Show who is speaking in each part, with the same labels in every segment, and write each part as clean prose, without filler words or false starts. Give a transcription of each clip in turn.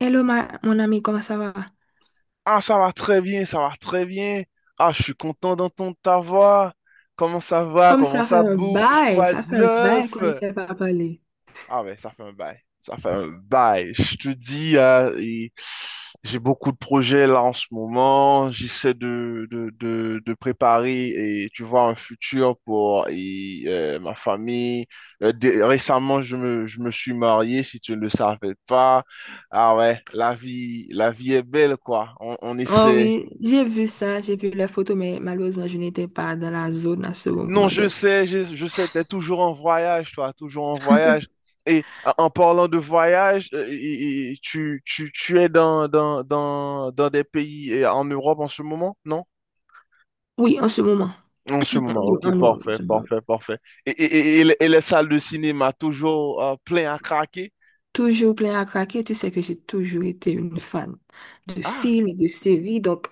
Speaker 1: Hello, mon ami, comment ça va?
Speaker 2: Ah, ça va très bien, ça va très bien. Ah, je suis content d'entendre ta voix. Comment ça va?
Speaker 1: Comme
Speaker 2: Comment
Speaker 1: ça fait
Speaker 2: ça
Speaker 1: un
Speaker 2: bouge?
Speaker 1: bail,
Speaker 2: Quoi de
Speaker 1: ça fait un bail
Speaker 2: neuf?
Speaker 1: qu'on ne s'est pas parlé.
Speaker 2: Ah ouais, ça fait un bail. Ça fait un bail. Je te dis, et j'ai beaucoup de projets là en ce moment. J'essaie de préparer, et, tu vois, un futur pour ma famille. Récemment, je me suis marié, si tu ne le savais pas. Ah ouais, la vie est belle, quoi. On
Speaker 1: Oh
Speaker 2: essaie,
Speaker 1: oui, j'ai vu ça, j'ai vu les photos, mais malheureusement, je n'étais pas dans la zone à ce
Speaker 2: non,
Speaker 1: moment,
Speaker 2: je sais, je sais, t'es toujours en voyage, toi, toujours en voyage. Et en parlant de voyage, et tu es dans des pays en Europe en ce moment, non?
Speaker 1: oui, en ce moment.
Speaker 2: En ce
Speaker 1: Oui,
Speaker 2: moment, ok,
Speaker 1: en
Speaker 2: parfait,
Speaker 1: ce moment.
Speaker 2: parfait, parfait. Et les salles de cinéma, toujours plein à craquer?
Speaker 1: Toujours plein à craquer, tu sais que j'ai toujours été une fan de
Speaker 2: Ah,
Speaker 1: films et de séries, donc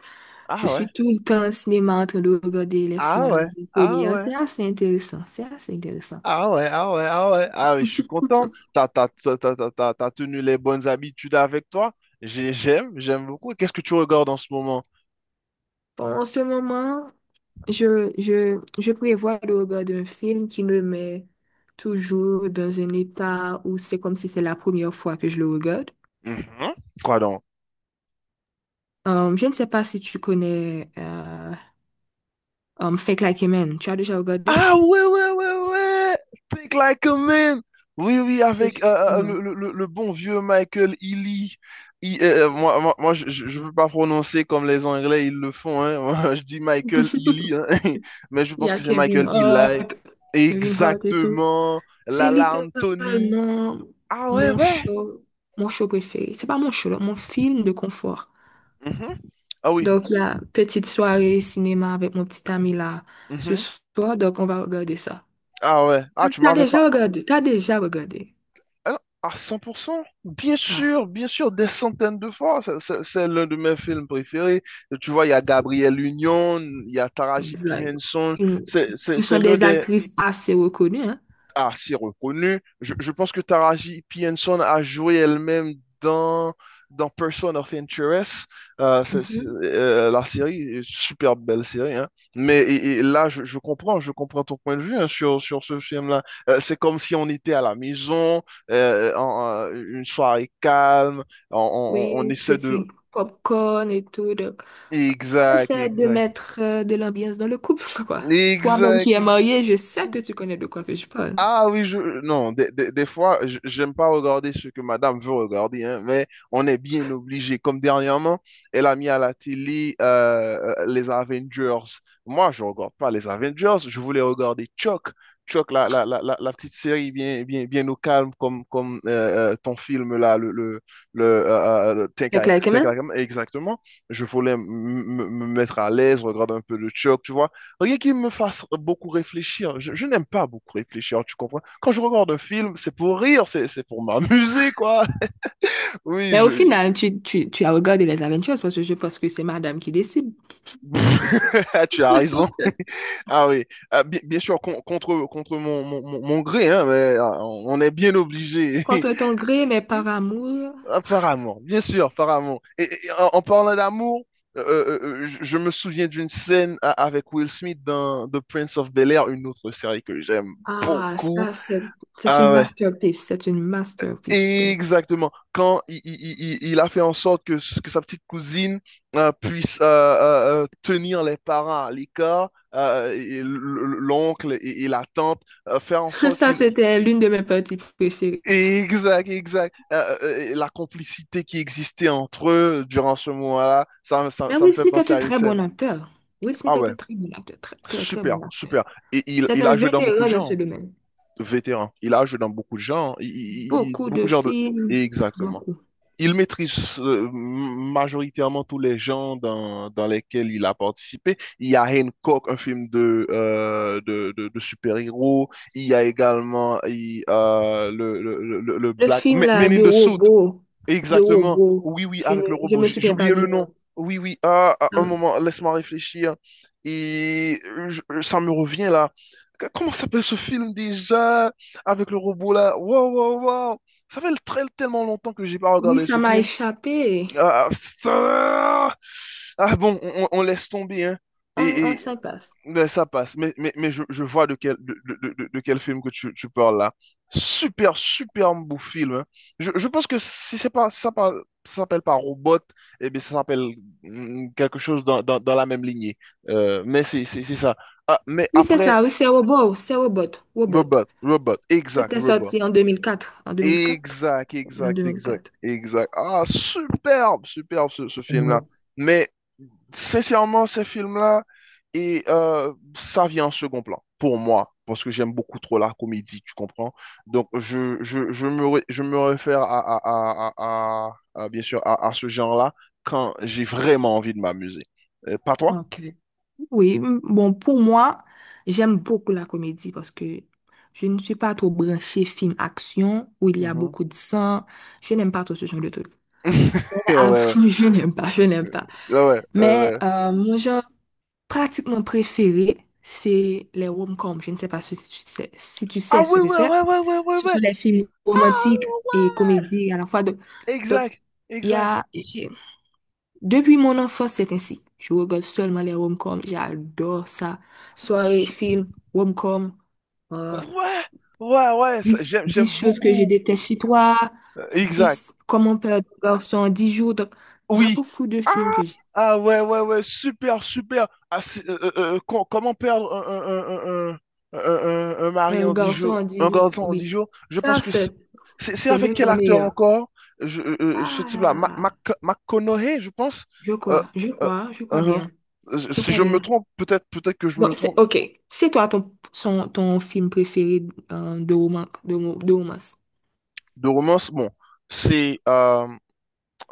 Speaker 1: je
Speaker 2: ah ouais,
Speaker 1: suis tout le temps au cinéma en train de regarder les films
Speaker 2: ah
Speaker 1: en
Speaker 2: ouais, ah
Speaker 1: avant-première.
Speaker 2: ouais,
Speaker 1: C'est assez intéressant, c'est assez intéressant.
Speaker 2: ah ouais, ah ouais, ah ouais, ah ouais, je suis content. T'as tenu les bonnes habitudes avec toi. J'aime beaucoup. Qu'est-ce que tu regardes en ce moment?
Speaker 1: Bon, en ce moment, je prévois le regard d'un film qui me met toujours dans un état où c'est comme si c'est la première fois que je le regarde.
Speaker 2: Mhm. Quoi donc?
Speaker 1: Je ne sais pas si tu connais Fake Like a Man. Tu as déjà regardé
Speaker 2: Ah ouais, ouais, ouais, ouais. Think like a man. Oui, oui,
Speaker 1: ce
Speaker 2: avec
Speaker 1: film?
Speaker 2: le bon vieux Michael Ealy. Moi, je peux pas prononcer comme les Anglais, ils le font, hein. Moi, je dis Michael Ealy, hein. Mais je
Speaker 1: Il y
Speaker 2: pense
Speaker 1: a
Speaker 2: que c'est
Speaker 1: Kevin
Speaker 2: Michael Eli.
Speaker 1: Hart, Kevin Hart et tout.
Speaker 2: Exactement.
Speaker 1: C'est
Speaker 2: Lala Anthony.
Speaker 1: littéralement
Speaker 2: Ah ouais,
Speaker 1: mon
Speaker 2: ouais.
Speaker 1: show, mon show préféré. C'est pas mon show, là, mon film de confort.
Speaker 2: Mhm. Ah oui.
Speaker 1: Donc, la petite soirée cinéma avec mon petit ami là ce
Speaker 2: Mhm.
Speaker 1: soir. Donc, on va regarder ça.
Speaker 2: Ah ouais. Ah, tu
Speaker 1: T'as
Speaker 2: m'avais
Speaker 1: déjà
Speaker 2: pas.
Speaker 1: regardé? T'as déjà regardé?
Speaker 2: Ah non, à 100%,
Speaker 1: Ah, ça,
Speaker 2: bien sûr, des centaines de fois. C'est l'un de mes films préférés. Tu vois, il y a
Speaker 1: c'est
Speaker 2: Gabriel Union, il y a Taraji P.
Speaker 1: exact.
Speaker 2: Henson.
Speaker 1: Une-
Speaker 2: C'est c'est-
Speaker 1: Ce
Speaker 2: c'est
Speaker 1: sont
Speaker 2: l'un
Speaker 1: des
Speaker 2: des,
Speaker 1: actrices assez reconnues, hein?
Speaker 2: assez reconnu. Je pense que Taraji P. Henson a joué elle-même dans, dans, Person of Interest,
Speaker 1: Mhm.
Speaker 2: la série, super belle série, hein. Mais là, je comprends, je comprends ton point de vue hein, sur ce film-là. C'est comme si on était à la maison, une soirée calme, on
Speaker 1: Oui,
Speaker 2: essaie de...
Speaker 1: petit popcorn et tout. Donc, on
Speaker 2: Exact,
Speaker 1: essaie de
Speaker 2: exact.
Speaker 1: mettre de l'ambiance dans le couple, quoi. Toi-même qui
Speaker 2: Exact.
Speaker 1: es marié, je sais que tu connais de quoi que je parle.
Speaker 2: Ah oui, je... non, des fois, j'aime pas regarder ce que madame veut regarder, hein, mais on est bien obligé. Comme dernièrement, elle a mis à la télé les Avengers. Moi, je regarde pas les Avengers, je voulais regarder Chuck. Chuck, la petite série bien, bien, bien au calme, comme ton film là, le, euh, le
Speaker 1: C'est clair quand
Speaker 2: Think
Speaker 1: même.
Speaker 2: I Am, exactement. Je voulais me mettre à l'aise, regarder un peu de Chuck, tu vois. Rien qui me fasse beaucoup réfléchir. Je n'aime pas beaucoup réfléchir, tu comprends? Quand je regarde un film, c'est pour rire, c'est pour m'amuser, quoi. Oui,
Speaker 1: Mais
Speaker 2: je...
Speaker 1: au final, tu as regardé les Avengers parce que je pense que c'est madame qui décide.
Speaker 2: Tu as raison. Ah oui. Ah, bien sûr, contre mon gré, hein, mais ah, on est bien obligé.
Speaker 1: Contre ton gré, mais par amour.
Speaker 2: Apparemment, bien sûr, apparemment. Et en parlant d'amour, je me souviens d'une scène avec Will Smith dans The Prince of Bel-Air, une autre série que j'aime
Speaker 1: Ah,
Speaker 2: beaucoup.
Speaker 1: ça, c'est une
Speaker 2: Ah ouais.
Speaker 1: masterpiece. C'est une masterpiece.
Speaker 2: Exactement. Quand il a fait en sorte que sa petite cousine puisse tenir les parents à l'écart, l'oncle et la tante, faire en sorte
Speaker 1: Ça,
Speaker 2: qu'il...
Speaker 1: c'était l'une de mes parties préférées.
Speaker 2: Exact, exact. La complicité qui existait entre eux durant ce moment-là, ça, ça,
Speaker 1: Mais
Speaker 2: ça me
Speaker 1: Will
Speaker 2: fait
Speaker 1: Smith est
Speaker 2: penser
Speaker 1: un
Speaker 2: à une
Speaker 1: très
Speaker 2: scène.
Speaker 1: bon acteur. Will
Speaker 2: Ah
Speaker 1: Smith est
Speaker 2: ouais,
Speaker 1: un très bon acteur. Très, très, très
Speaker 2: super,
Speaker 1: bon acteur.
Speaker 2: super. Et il,
Speaker 1: C'est
Speaker 2: il
Speaker 1: un
Speaker 2: a joué dans beaucoup
Speaker 1: vétéran
Speaker 2: de
Speaker 1: dans ce
Speaker 2: genres,
Speaker 1: domaine.
Speaker 2: vétéran. Il a joué dans beaucoup de genres,
Speaker 1: Beaucoup
Speaker 2: beaucoup
Speaker 1: de
Speaker 2: de genres de...
Speaker 1: films.
Speaker 2: Exactement.
Speaker 1: Beaucoup.
Speaker 2: Il maîtrise majoritairement tous les genres dans lesquels il a participé. Il y a Hancock, un film de super-héros. Il y a également le
Speaker 1: Le
Speaker 2: Black
Speaker 1: film,
Speaker 2: Men
Speaker 1: là,
Speaker 2: Men in
Speaker 1: de
Speaker 2: the Suit,
Speaker 1: robot. De
Speaker 2: exactement.
Speaker 1: robot.
Speaker 2: Oui, oui, avec le
Speaker 1: Je
Speaker 2: robot.
Speaker 1: me
Speaker 2: J'ai
Speaker 1: souviens
Speaker 2: oublié
Speaker 1: pas du
Speaker 2: le nom.
Speaker 1: nom.
Speaker 2: Oui, oui. Ah, ah, un
Speaker 1: Ah,
Speaker 2: moment, laisse-moi réfléchir. Et ça me revient là. Comment s'appelle ce film déjà? Avec le robot là. Waouh, waouh, waouh. Ça fait tellement longtemps que j'ai pas
Speaker 1: oui,
Speaker 2: regardé
Speaker 1: ça
Speaker 2: ce
Speaker 1: m'a
Speaker 2: film.
Speaker 1: échappé.
Speaker 2: Ah, ça. Ah bon, on laisse tomber, hein.
Speaker 1: On
Speaker 2: Et,
Speaker 1: s'en passe.
Speaker 2: mais ça passe. Mais je vois de quel, de quel film que tu parles là. Super, super beau film, hein. Je pense que si c'est pas, ça s'appelle pas Robot, eh bien, ça s'appelle quelque chose dans la même lignée. Mais c'est ça. Ah, mais
Speaker 1: Oui, c'est
Speaker 2: après,
Speaker 1: ça. Oui, c'est robot. C'est robot. Robot.
Speaker 2: Robot,
Speaker 1: C'était
Speaker 2: Robot.
Speaker 1: sorti en 2004. En 2004.
Speaker 2: Exact,
Speaker 1: En deux
Speaker 2: exact,
Speaker 1: mille
Speaker 2: exact,
Speaker 1: quatre.
Speaker 2: exact. Ah, superbe, superbe ce film-là.
Speaker 1: Ouais.
Speaker 2: Mais sincèrement, ces films-là, et ça vient en second plan, pour moi, parce que j'aime beaucoup trop la comédie, tu comprends? Donc, je me réfère bien sûr, à ce genre-là quand j'ai vraiment envie de m'amuser. Pas toi?
Speaker 1: Ok. Oui, bon, pour moi, j'aime beaucoup la comédie parce que je ne suis pas trop branchée film action où il y a
Speaker 2: Mhm.
Speaker 1: beaucoup de sang. Je n'aime pas trop ce genre de truc. Mais
Speaker 2: Ouais,
Speaker 1: avant,
Speaker 2: ouais,
Speaker 1: je n'aime pas, je n'aime pas.
Speaker 2: ouais, ouais, ouais,
Speaker 1: Mais
Speaker 2: ouais.
Speaker 1: mon genre pratiquement préféré, c'est les rom-coms. Je ne sais pas si tu sais, si tu
Speaker 2: Ah
Speaker 1: sais ce
Speaker 2: oui,
Speaker 1: que
Speaker 2: ouais,
Speaker 1: c'est.
Speaker 2: ouais, ouais, ouais, ouais,
Speaker 1: Ce sont
Speaker 2: ouais.
Speaker 1: les films
Speaker 2: Ah
Speaker 1: romantiques et
Speaker 2: ouais!
Speaker 1: comédies à la fois. Donc,
Speaker 2: Exact,
Speaker 1: il y
Speaker 2: exact.
Speaker 1: a, depuis mon enfance, c'est ainsi. Je regarde seulement les rom-coms. J'adore ça. Soirée, film, rom-com. Euh,
Speaker 2: Ouais, ouais, ouais,
Speaker 1: dix
Speaker 2: j'aime,
Speaker 1: 10
Speaker 2: j'aime
Speaker 1: choses que je
Speaker 2: beaucoup.
Speaker 1: déteste chez toi.
Speaker 2: Exact.
Speaker 1: Dix Comment perdre un garçon en 10 jours. Donc, il y a
Speaker 2: Oui.
Speaker 1: beaucoup de
Speaker 2: Ah,
Speaker 1: films que j'ai.
Speaker 2: ah, ouais, ouais, ouais, super, super. Ah, comment perdre un mari
Speaker 1: Un
Speaker 2: en 10
Speaker 1: garçon
Speaker 2: jours,
Speaker 1: en
Speaker 2: un
Speaker 1: 10 jours,
Speaker 2: garçon en 10
Speaker 1: oui.
Speaker 2: jours? Je
Speaker 1: Ça,
Speaker 2: pense que c'est c'est- c'est
Speaker 1: c'est
Speaker 2: avec
Speaker 1: l'un des
Speaker 2: quel acteur
Speaker 1: meilleurs.
Speaker 2: encore? Ce type-là,
Speaker 1: Ah,
Speaker 2: McConaughey, je pense.
Speaker 1: je
Speaker 2: Euh,
Speaker 1: crois, je
Speaker 2: euh,
Speaker 1: crois, je crois
Speaker 2: uh-huh.
Speaker 1: bien. Je
Speaker 2: Si
Speaker 1: crois
Speaker 2: je me
Speaker 1: bien.
Speaker 2: trompe, peut-être que je
Speaker 1: Bon,
Speaker 2: me
Speaker 1: c'est
Speaker 2: trompe
Speaker 1: ok. C'est toi ton, son- ton film préféré de romance, de romance.
Speaker 2: de romance. Bon, c'est. euh,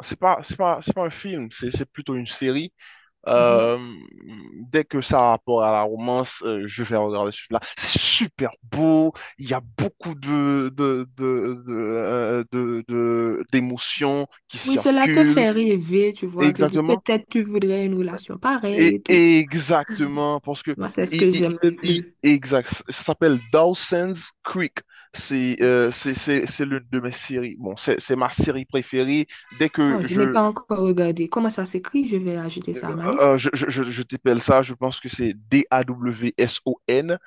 Speaker 2: c'est pas, c'est pas un film, c'est plutôt une série.
Speaker 1: Mhm.
Speaker 2: Euh, Dès que ça a rapport à la romance, je vais regarder celui-là. C'est super beau, il y a beaucoup d'émotions qui
Speaker 1: Oui, cela te
Speaker 2: circulent.
Speaker 1: fait rêver, tu vois. Te dis
Speaker 2: Exactement.
Speaker 1: peut-être tu voudrais une relation
Speaker 2: Et
Speaker 1: pareille et tout.
Speaker 2: exactement, parce que
Speaker 1: Moi, c'est ce que j'aime le plus.
Speaker 2: exact, ça s'appelle Dawson's Creek. C'est l'une de mes séries. Bon, c'est ma série préférée. Dès
Speaker 1: Oh,
Speaker 2: que
Speaker 1: je n'ai
Speaker 2: je
Speaker 1: pas encore regardé. Comment ça s'écrit? Je vais ajouter
Speaker 2: Euh,
Speaker 1: ça à ma
Speaker 2: euh, euh,
Speaker 1: liste.
Speaker 2: je, je, je, je t'appelle ça, je pense que c'est Dawson,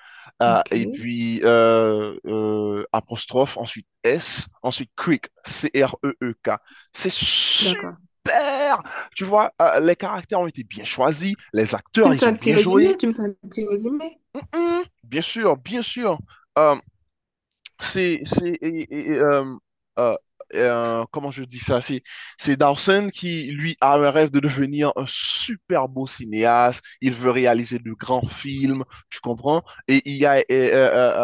Speaker 1: Ok,
Speaker 2: et puis apostrophe, ensuite S, ensuite Creek, Creek. C'est
Speaker 1: d'accord.
Speaker 2: super! Tu vois, les caractères ont été bien choisis, les
Speaker 1: Tu
Speaker 2: acteurs,
Speaker 1: me fais
Speaker 2: ils
Speaker 1: un
Speaker 2: ont
Speaker 1: petit
Speaker 2: bien
Speaker 1: résumé?
Speaker 2: joué.
Speaker 1: Tu me fais un petit résumé?
Speaker 2: Bien sûr, bien sûr. Euh, c'est, c'est, et- et- euh, euh, Comment je dis ça? C'est Dawson qui, lui, a un rêve de devenir un super beau cinéaste. Il veut réaliser de grands films, tu comprends? Et il y a euh, euh,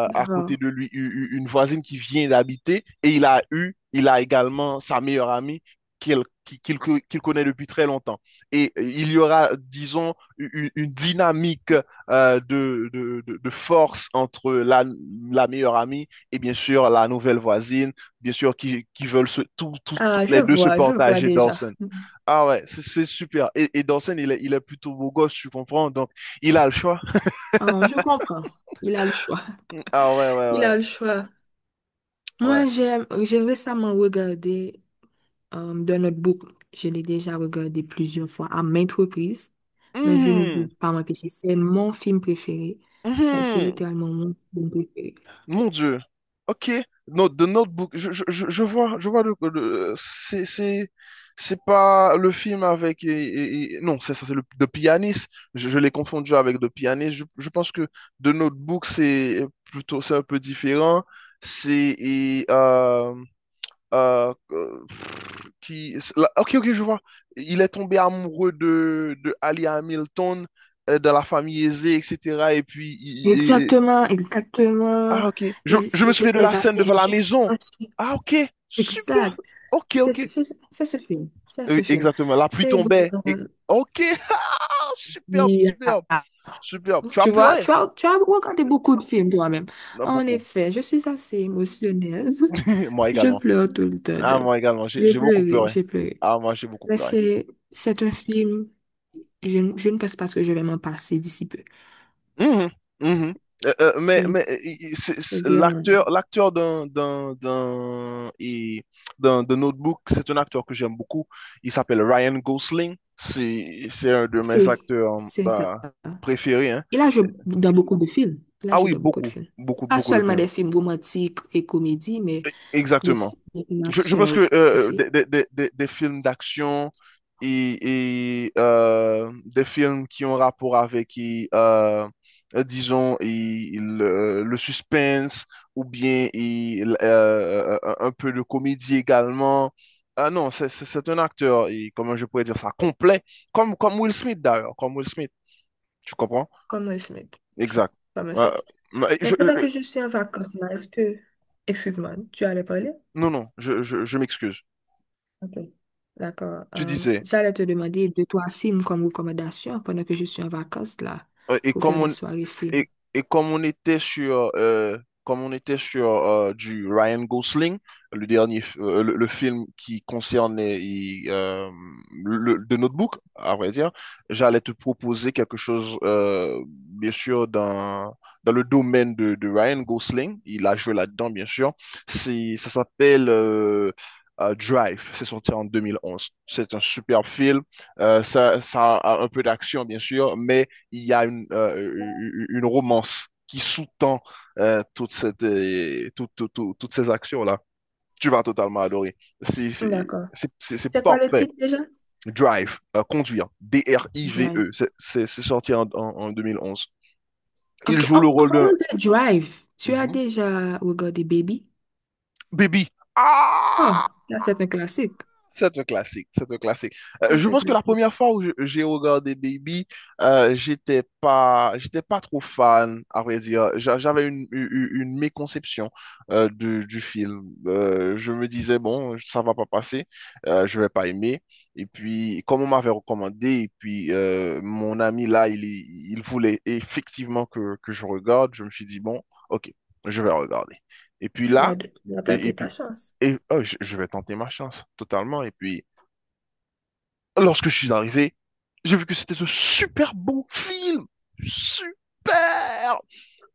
Speaker 2: euh, à côté
Speaker 1: D'accord.
Speaker 2: de lui une voisine qui vient d'habiter et il a eu, il a également sa meilleure amie qu'il qui- qu'il co- qu'il connaît depuis très longtemps. Il y aura, disons, une, dynamique de force entre la meilleure amie et bien sûr la nouvelle voisine, bien sûr qui veulent
Speaker 1: Ah,
Speaker 2: toutes les deux se
Speaker 1: je vois
Speaker 2: partager
Speaker 1: déjà.
Speaker 2: Dawson.
Speaker 1: Mhm.
Speaker 2: Ah ouais, c'est super. Et Dawson, il est plutôt beau gosse, tu comprends? Donc, il a le choix.
Speaker 1: Ah, je comprends. Il a le choix.
Speaker 2: Ah ouais, ouais,
Speaker 1: Il
Speaker 2: ouais,
Speaker 1: a le choix.
Speaker 2: ouais.
Speaker 1: Moi, j'aime, j'ai récemment regardé The Notebook, je l'ai déjà regardé plusieurs fois à maintes reprises, mais je ne peux
Speaker 2: Mhm,
Speaker 1: pas m'empêcher. C'est mon film préféré. Like, c'est
Speaker 2: mhm.
Speaker 1: littéralement mon film préféré.
Speaker 2: Mon Dieu. Ok. Note, The Notebook. Je vois, c'est pas le film avec, non, c'est ça, c'est le The Pianist. Je l'ai confondu avec The Pianist. Je pense que The Notebook, c'est un peu différent. C'est, et, pff, qui, Ok, ok, je vois. Il est tombé amoureux de Ali Hamilton, de la famille aisée, etc. Et puis,
Speaker 1: Exactement, exactement.
Speaker 2: ah, ok. Je,
Speaker 1: Ils,
Speaker 2: je me
Speaker 1: ils
Speaker 2: souviens de
Speaker 1: étaient
Speaker 2: la scène
Speaker 1: assez
Speaker 2: devant la
Speaker 1: jeunes
Speaker 2: maison.
Speaker 1: ensuite.
Speaker 2: Ah, ok. Super.
Speaker 1: Exact.
Speaker 2: Ok, ok.
Speaker 1: C'est ce film. C'est
Speaker 2: Oui,
Speaker 1: ce film.
Speaker 2: exactement. La pluie
Speaker 1: C'est
Speaker 2: tombait.
Speaker 1: vraiment...
Speaker 2: Et... Ok. Ah, superbe,
Speaker 1: Yeah.
Speaker 2: superbe, superbe. Tu as
Speaker 1: Tu vois,
Speaker 2: pleuré?
Speaker 1: tu as regardé beaucoup de films toi-même.
Speaker 2: Non,
Speaker 1: En
Speaker 2: beaucoup.
Speaker 1: effet, je suis assez émotionnelle.
Speaker 2: Moi
Speaker 1: Je
Speaker 2: également.
Speaker 1: pleure tout le temps,
Speaker 2: Ah,
Speaker 1: donc.
Speaker 2: moi également. J'ai
Speaker 1: J'ai
Speaker 2: j'ai beaucoup
Speaker 1: pleuré,
Speaker 2: pleuré.
Speaker 1: j'ai pleuré.
Speaker 2: Ah, moi, j'ai beaucoup
Speaker 1: Mais
Speaker 2: pleuré.
Speaker 1: c'est un film, je ne pense pas que je vais m'en passer d'ici peu.
Speaker 2: Mhm, mhm. Euh, euh,
Speaker 1: Je
Speaker 2: mais
Speaker 1: ne,
Speaker 2: mais euh,
Speaker 1: c'est vraiment,
Speaker 2: l'acteur d'un d'un d'un et d'un de Notebook, c'est un acteur que j'aime beaucoup. Il s'appelle Ryan Gosling. C'est un de mes
Speaker 1: c'est,
Speaker 2: acteurs
Speaker 1: c'est ça.
Speaker 2: euh, préférés, hein.
Speaker 1: et là je Là,
Speaker 2: Ah
Speaker 1: je
Speaker 2: oui,
Speaker 1: dans beaucoup de
Speaker 2: beaucoup
Speaker 1: films.
Speaker 2: beaucoup
Speaker 1: Pas
Speaker 2: beaucoup de
Speaker 1: seulement
Speaker 2: films.
Speaker 1: des films romantiques et comédies, mais
Speaker 2: Exactement.
Speaker 1: des films
Speaker 2: Je pense
Speaker 1: d'action
Speaker 2: que
Speaker 1: aussi.
Speaker 2: des films d'action et, des films qui ont rapport avec, disons, et le suspense ou bien un peu de comédie également. Ah non, c'est un acteur, et comment je pourrais dire ça, complet, comme Will Smith d'ailleurs, comme Will Smith, tu comprends?
Speaker 1: Comme Will Smith.
Speaker 2: Exact.
Speaker 1: Comme Will
Speaker 2: Euh,
Speaker 1: Smith.
Speaker 2: mais
Speaker 1: Mais
Speaker 2: je-
Speaker 1: pendant
Speaker 2: je-
Speaker 1: que je suis en vacances, là, est-ce que... Excuse-moi, tu allais parler?
Speaker 2: non, non, je m'excuse.
Speaker 1: Ok, d'accord.
Speaker 2: Tu disais,
Speaker 1: J'allais te demander deux, trois films comme recommandation pendant que je suis en vacances là,
Speaker 2: euh, et
Speaker 1: pour faire des
Speaker 2: comme
Speaker 1: soirées films.
Speaker 2: Et, et comme on était sur, comme on était sur du Ryan Gosling, le dernier, le film qui concernait The Notebook, à vrai dire, j'allais te proposer quelque chose, bien sûr, dans le domaine de Ryan Gosling. Il a joué là-dedans, bien sûr. Ça s'appelle Drive. C'est sorti en 2011. C'est un super film. Ça a un peu d'action, bien sûr, mais il y a une romance qui sous-tend toutes ces actions-là. Tu vas totalement adorer. C'est c'est-
Speaker 1: D'accord.
Speaker 2: c'est
Speaker 1: C'est quoi le
Speaker 2: parfait.
Speaker 1: titre déjà?
Speaker 2: Drive, conduire,
Speaker 1: Drive.
Speaker 2: D-R-I-V-E, c'est sorti en 2011. Il
Speaker 1: Ok, en,
Speaker 2: joue le
Speaker 1: en
Speaker 2: rôle
Speaker 1: parlant
Speaker 2: de
Speaker 1: de Drive, tu as
Speaker 2: Mhm.
Speaker 1: déjà regardé Baby?
Speaker 2: Baby.
Speaker 1: Oh,
Speaker 2: Ah!
Speaker 1: ça c'est un classique.
Speaker 2: C'est un classique, c'est un classique. Je
Speaker 1: C'est un
Speaker 2: pense que la
Speaker 1: classique.
Speaker 2: première fois où j'ai regardé Baby, j'étais pas trop fan, à vrai dire. J'avais une méconception du film. Je me disais, bon, ça va pas passer, je vais pas aimer. Et puis, comme on m'avait recommandé, et puis mon ami là, il voulait effectivement que je regarde, je me suis dit, bon, ok, je vais regarder. Et puis là,
Speaker 1: Tu vas
Speaker 2: et, et
Speaker 1: tenter
Speaker 2: puis,
Speaker 1: ta chance.
Speaker 2: oh, je vais tenter ma chance totalement. Et puis, lorsque je suis arrivé, j'ai vu que c'était un super bon film. Super!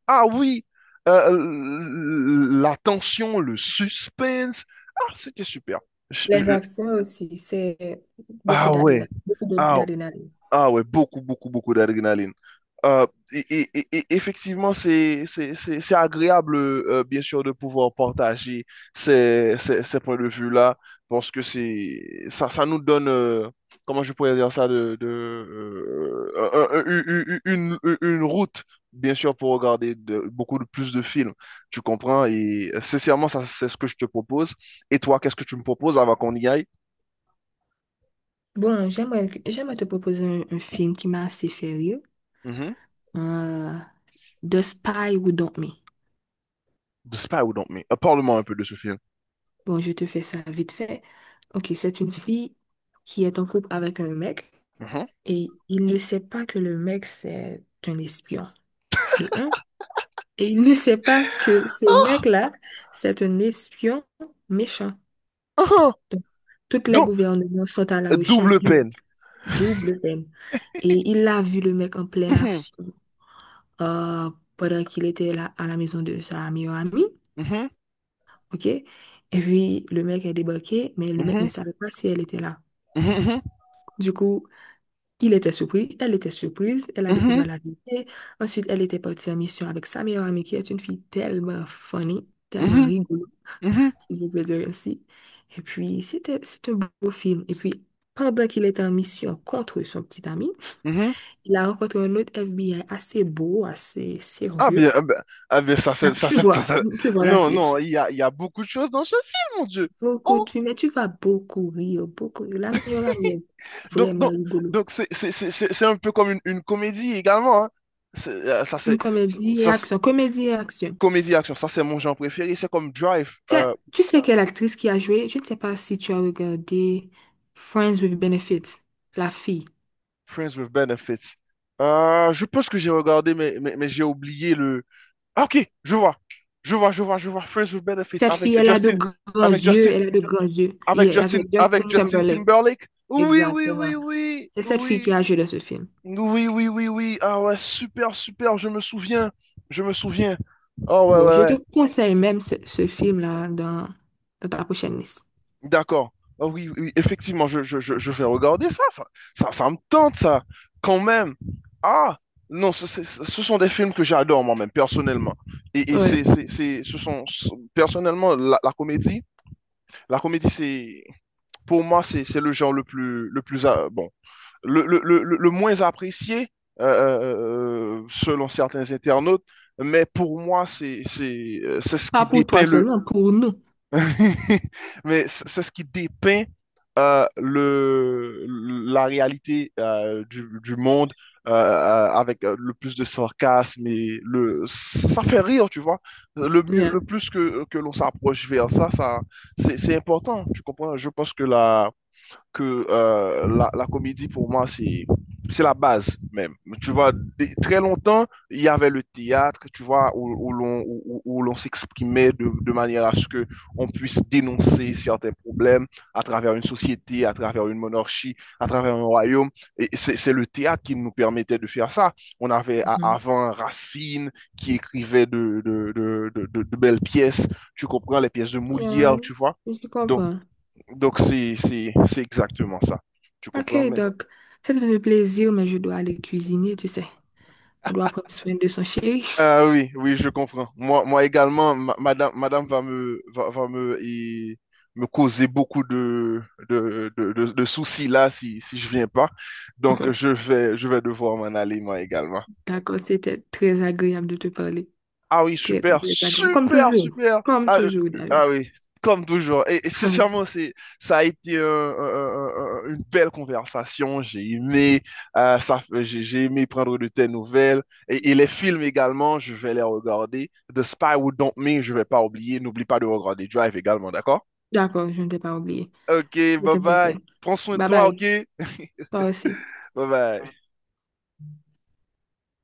Speaker 2: Ah oui, la tension, le suspense. Ah, c'était super. Je-
Speaker 1: Les
Speaker 2: je-
Speaker 1: actions aussi, c'est beaucoup
Speaker 2: ah ouais,
Speaker 1: d'adrénaline. Beaucoup
Speaker 2: ah
Speaker 1: d'adrénaline.
Speaker 2: ouais, beaucoup, beaucoup, beaucoup d'adrénaline. Euh, et effectivement, c'est agréable, bien sûr, de pouvoir partager ces points de vue-là, parce que ça nous donne, comment je pourrais dire ça, une route, bien sûr, pour regarder beaucoup de, plus de films. Tu comprends? Et sincèrement, ça, c'est ce que je te propose. Et toi, qu'est-ce que tu me proposes avant qu'on y aille?
Speaker 1: Bon, j'aimerais, j'aimerais te proposer un film qui m'a assez fait rire.
Speaker 2: Mhm.
Speaker 1: Euh, The Spy Who Dumped Me.
Speaker 2: De Spy Don't Me. Parle-moi un peu de ce film.
Speaker 1: Bon, je te fais ça vite fait. Ok, c'est une fille qui est en couple avec un mec
Speaker 2: Mhm.
Speaker 1: et il ne sait pas que le mec, c'est un espion, de un. Et il ne sait pas que ce mec-là, c'est un espion méchant.
Speaker 2: Mhm.
Speaker 1: Donc, toutes les
Speaker 2: Donc,
Speaker 1: gouvernements sont à la recherche
Speaker 2: double
Speaker 1: du mec.
Speaker 2: peine.
Speaker 1: Double peine. Et il a vu le mec en pleine
Speaker 2: Mhm.
Speaker 1: action euh, pendant qu'il était là à la maison de sa meilleure amie.
Speaker 2: Mhm.
Speaker 1: OK? Et puis, le mec est débarqué, mais le mec ne
Speaker 2: Mhm.
Speaker 1: savait pas si elle était là.
Speaker 2: Mhm.
Speaker 1: Du coup, il était surpris, elle était surprise, elle a
Speaker 2: Mhm.
Speaker 1: découvert la vérité. Ensuite, elle était partie en mission avec sa meilleure amie, qui est une fille tellement funny, tellement
Speaker 2: Mhm.
Speaker 1: rigolo,
Speaker 2: Mhm.
Speaker 1: si je peux dire ainsi. Et puis, c'était, c'est un beau film. Et puis, pendant qu'il était en mission contre son petit ami,
Speaker 2: Mhm.
Speaker 1: il a rencontré un autre FBI assez beau, assez
Speaker 2: Ah bien,
Speaker 1: sérieux.
Speaker 2: ah ben, ah bien, ça,
Speaker 1: Là,
Speaker 2: c'est- ça,
Speaker 1: tu
Speaker 2: c'est- ça,
Speaker 1: vois,
Speaker 2: c'est-
Speaker 1: tu vois la
Speaker 2: non,
Speaker 1: suite.
Speaker 2: non, il y a beaucoup de choses dans ce film, mon Dieu.
Speaker 1: Beaucoup,
Speaker 2: Oh,
Speaker 1: tu, mais tu vas beaucoup rire, beaucoup rire. La meilleure amie est
Speaker 2: donc,
Speaker 1: vraiment
Speaker 2: donc,
Speaker 1: rigolo.
Speaker 2: donc c'est un peu comme une comédie également, hein. C'est, ça,
Speaker 1: Une
Speaker 2: c'est
Speaker 1: comédie et
Speaker 2: ça, c'est-
Speaker 1: action, comédie et action.
Speaker 2: comédie action. Ça, c'est mon genre préféré. C'est comme Drive,
Speaker 1: Tu sais tu sais quelle actrice qui a joué? Je ne sais pas si tu as regardé Friends with Benefits, la fille.
Speaker 2: Friends with Benefits. Je pense que j'ai regardé, mais j'ai oublié. Ah, ok, je vois. Je vois. Friends with Benefits
Speaker 1: Cette
Speaker 2: avec
Speaker 1: fille, elle a de
Speaker 2: Justin,
Speaker 1: grands
Speaker 2: avec
Speaker 1: yeux,
Speaker 2: Justin,
Speaker 1: elle a de grands yeux. Et avec
Speaker 2: Avec
Speaker 1: Justin
Speaker 2: Justin
Speaker 1: Timberlake,
Speaker 2: Timberlake.
Speaker 1: exactement. C'est cette fille qui
Speaker 2: Oui.
Speaker 1: a joué dans ce film.
Speaker 2: Oui. Ah ouais, super, super. Je me souviens. Je me souviens. Oh ouais,
Speaker 1: Bon,
Speaker 2: ouais,
Speaker 1: je te
Speaker 2: ouais.
Speaker 1: conseille même ce film-là dans, dans ta prochaine liste.
Speaker 2: D'accord. Ah oui, oui, effectivement, je vais regarder ça, ça. Ça me tente, ça. Quand même. Ah, non, c'est- ce sont des films que j'adore moi-même, personnellement.
Speaker 1: Ouais.
Speaker 2: Ce sont, personnellement, la comédie. La comédie, c'est, pour moi, c'est le genre le plus, bon, moins apprécié selon certains internautes, mais pour moi, c'est ce
Speaker 1: Pas
Speaker 2: qui
Speaker 1: pour toi
Speaker 2: dépeint le,
Speaker 1: seulement, pour nous.
Speaker 2: C'est ce qui dépeint euh, le, la réalité du monde avec le plus de sarcasme et le, ça fait rire, tu vois. Le mieux,
Speaker 1: Yeah.
Speaker 2: le plus que l'on s'approche vers ça, ça, c'est important, tu comprends? Je pense que la comédie, pour moi, c'est la base même. Tu vois, très longtemps, il y avait le théâtre, tu vois, où l'on s'exprimait de manière à ce que on puisse dénoncer certains problèmes à travers une société, à travers une monarchie, à travers un royaume. Et c'est le théâtre qui nous permettait de faire ça. On avait
Speaker 1: Mhm.
Speaker 2: avant Racine qui écrivait de belles pièces, tu comprends, les pièces de
Speaker 1: Yeah,
Speaker 2: Molière, tu vois.
Speaker 1: je comprends.
Speaker 2: Donc, c'est exactement ça. Tu
Speaker 1: Ok,
Speaker 2: comprends, mais...
Speaker 1: donc, c'était un plaisir, mais je dois aller cuisiner, tu sais. On doit prendre soin de son chéri.
Speaker 2: Ah oui, oui, je comprends. Moi, moi également, madame, va me et me causer beaucoup de soucis là si, si je viens pas. Donc, je vais devoir m'en aller, moi également.
Speaker 1: D'accord, c'était très agréable de te parler.
Speaker 2: Ah oui,
Speaker 1: Très, très,
Speaker 2: super,
Speaker 1: très agréable. Comme
Speaker 2: super,
Speaker 1: toujours.
Speaker 2: super.
Speaker 1: Comme
Speaker 2: Ah,
Speaker 1: toujours, d'ailleurs.
Speaker 2: ah oui, comme toujours. Et sincèrement, c'est, ça a été une belle conversation. J'ai aimé, ça, j'ai aimé prendre de tes nouvelles. Et les films également, je vais les regarder. The Spy Who Dumped Me, je vais pas oublier. N'oublie pas de regarder Drive également, d'accord?
Speaker 1: D'accord, je ne t'ai pas oublié.
Speaker 2: Ok,
Speaker 1: C'était
Speaker 2: bye
Speaker 1: un plaisir.
Speaker 2: bye. Prends soin de
Speaker 1: Bye
Speaker 2: toi, ok?
Speaker 1: bye. Toi aussi.
Speaker 2: Bye bye.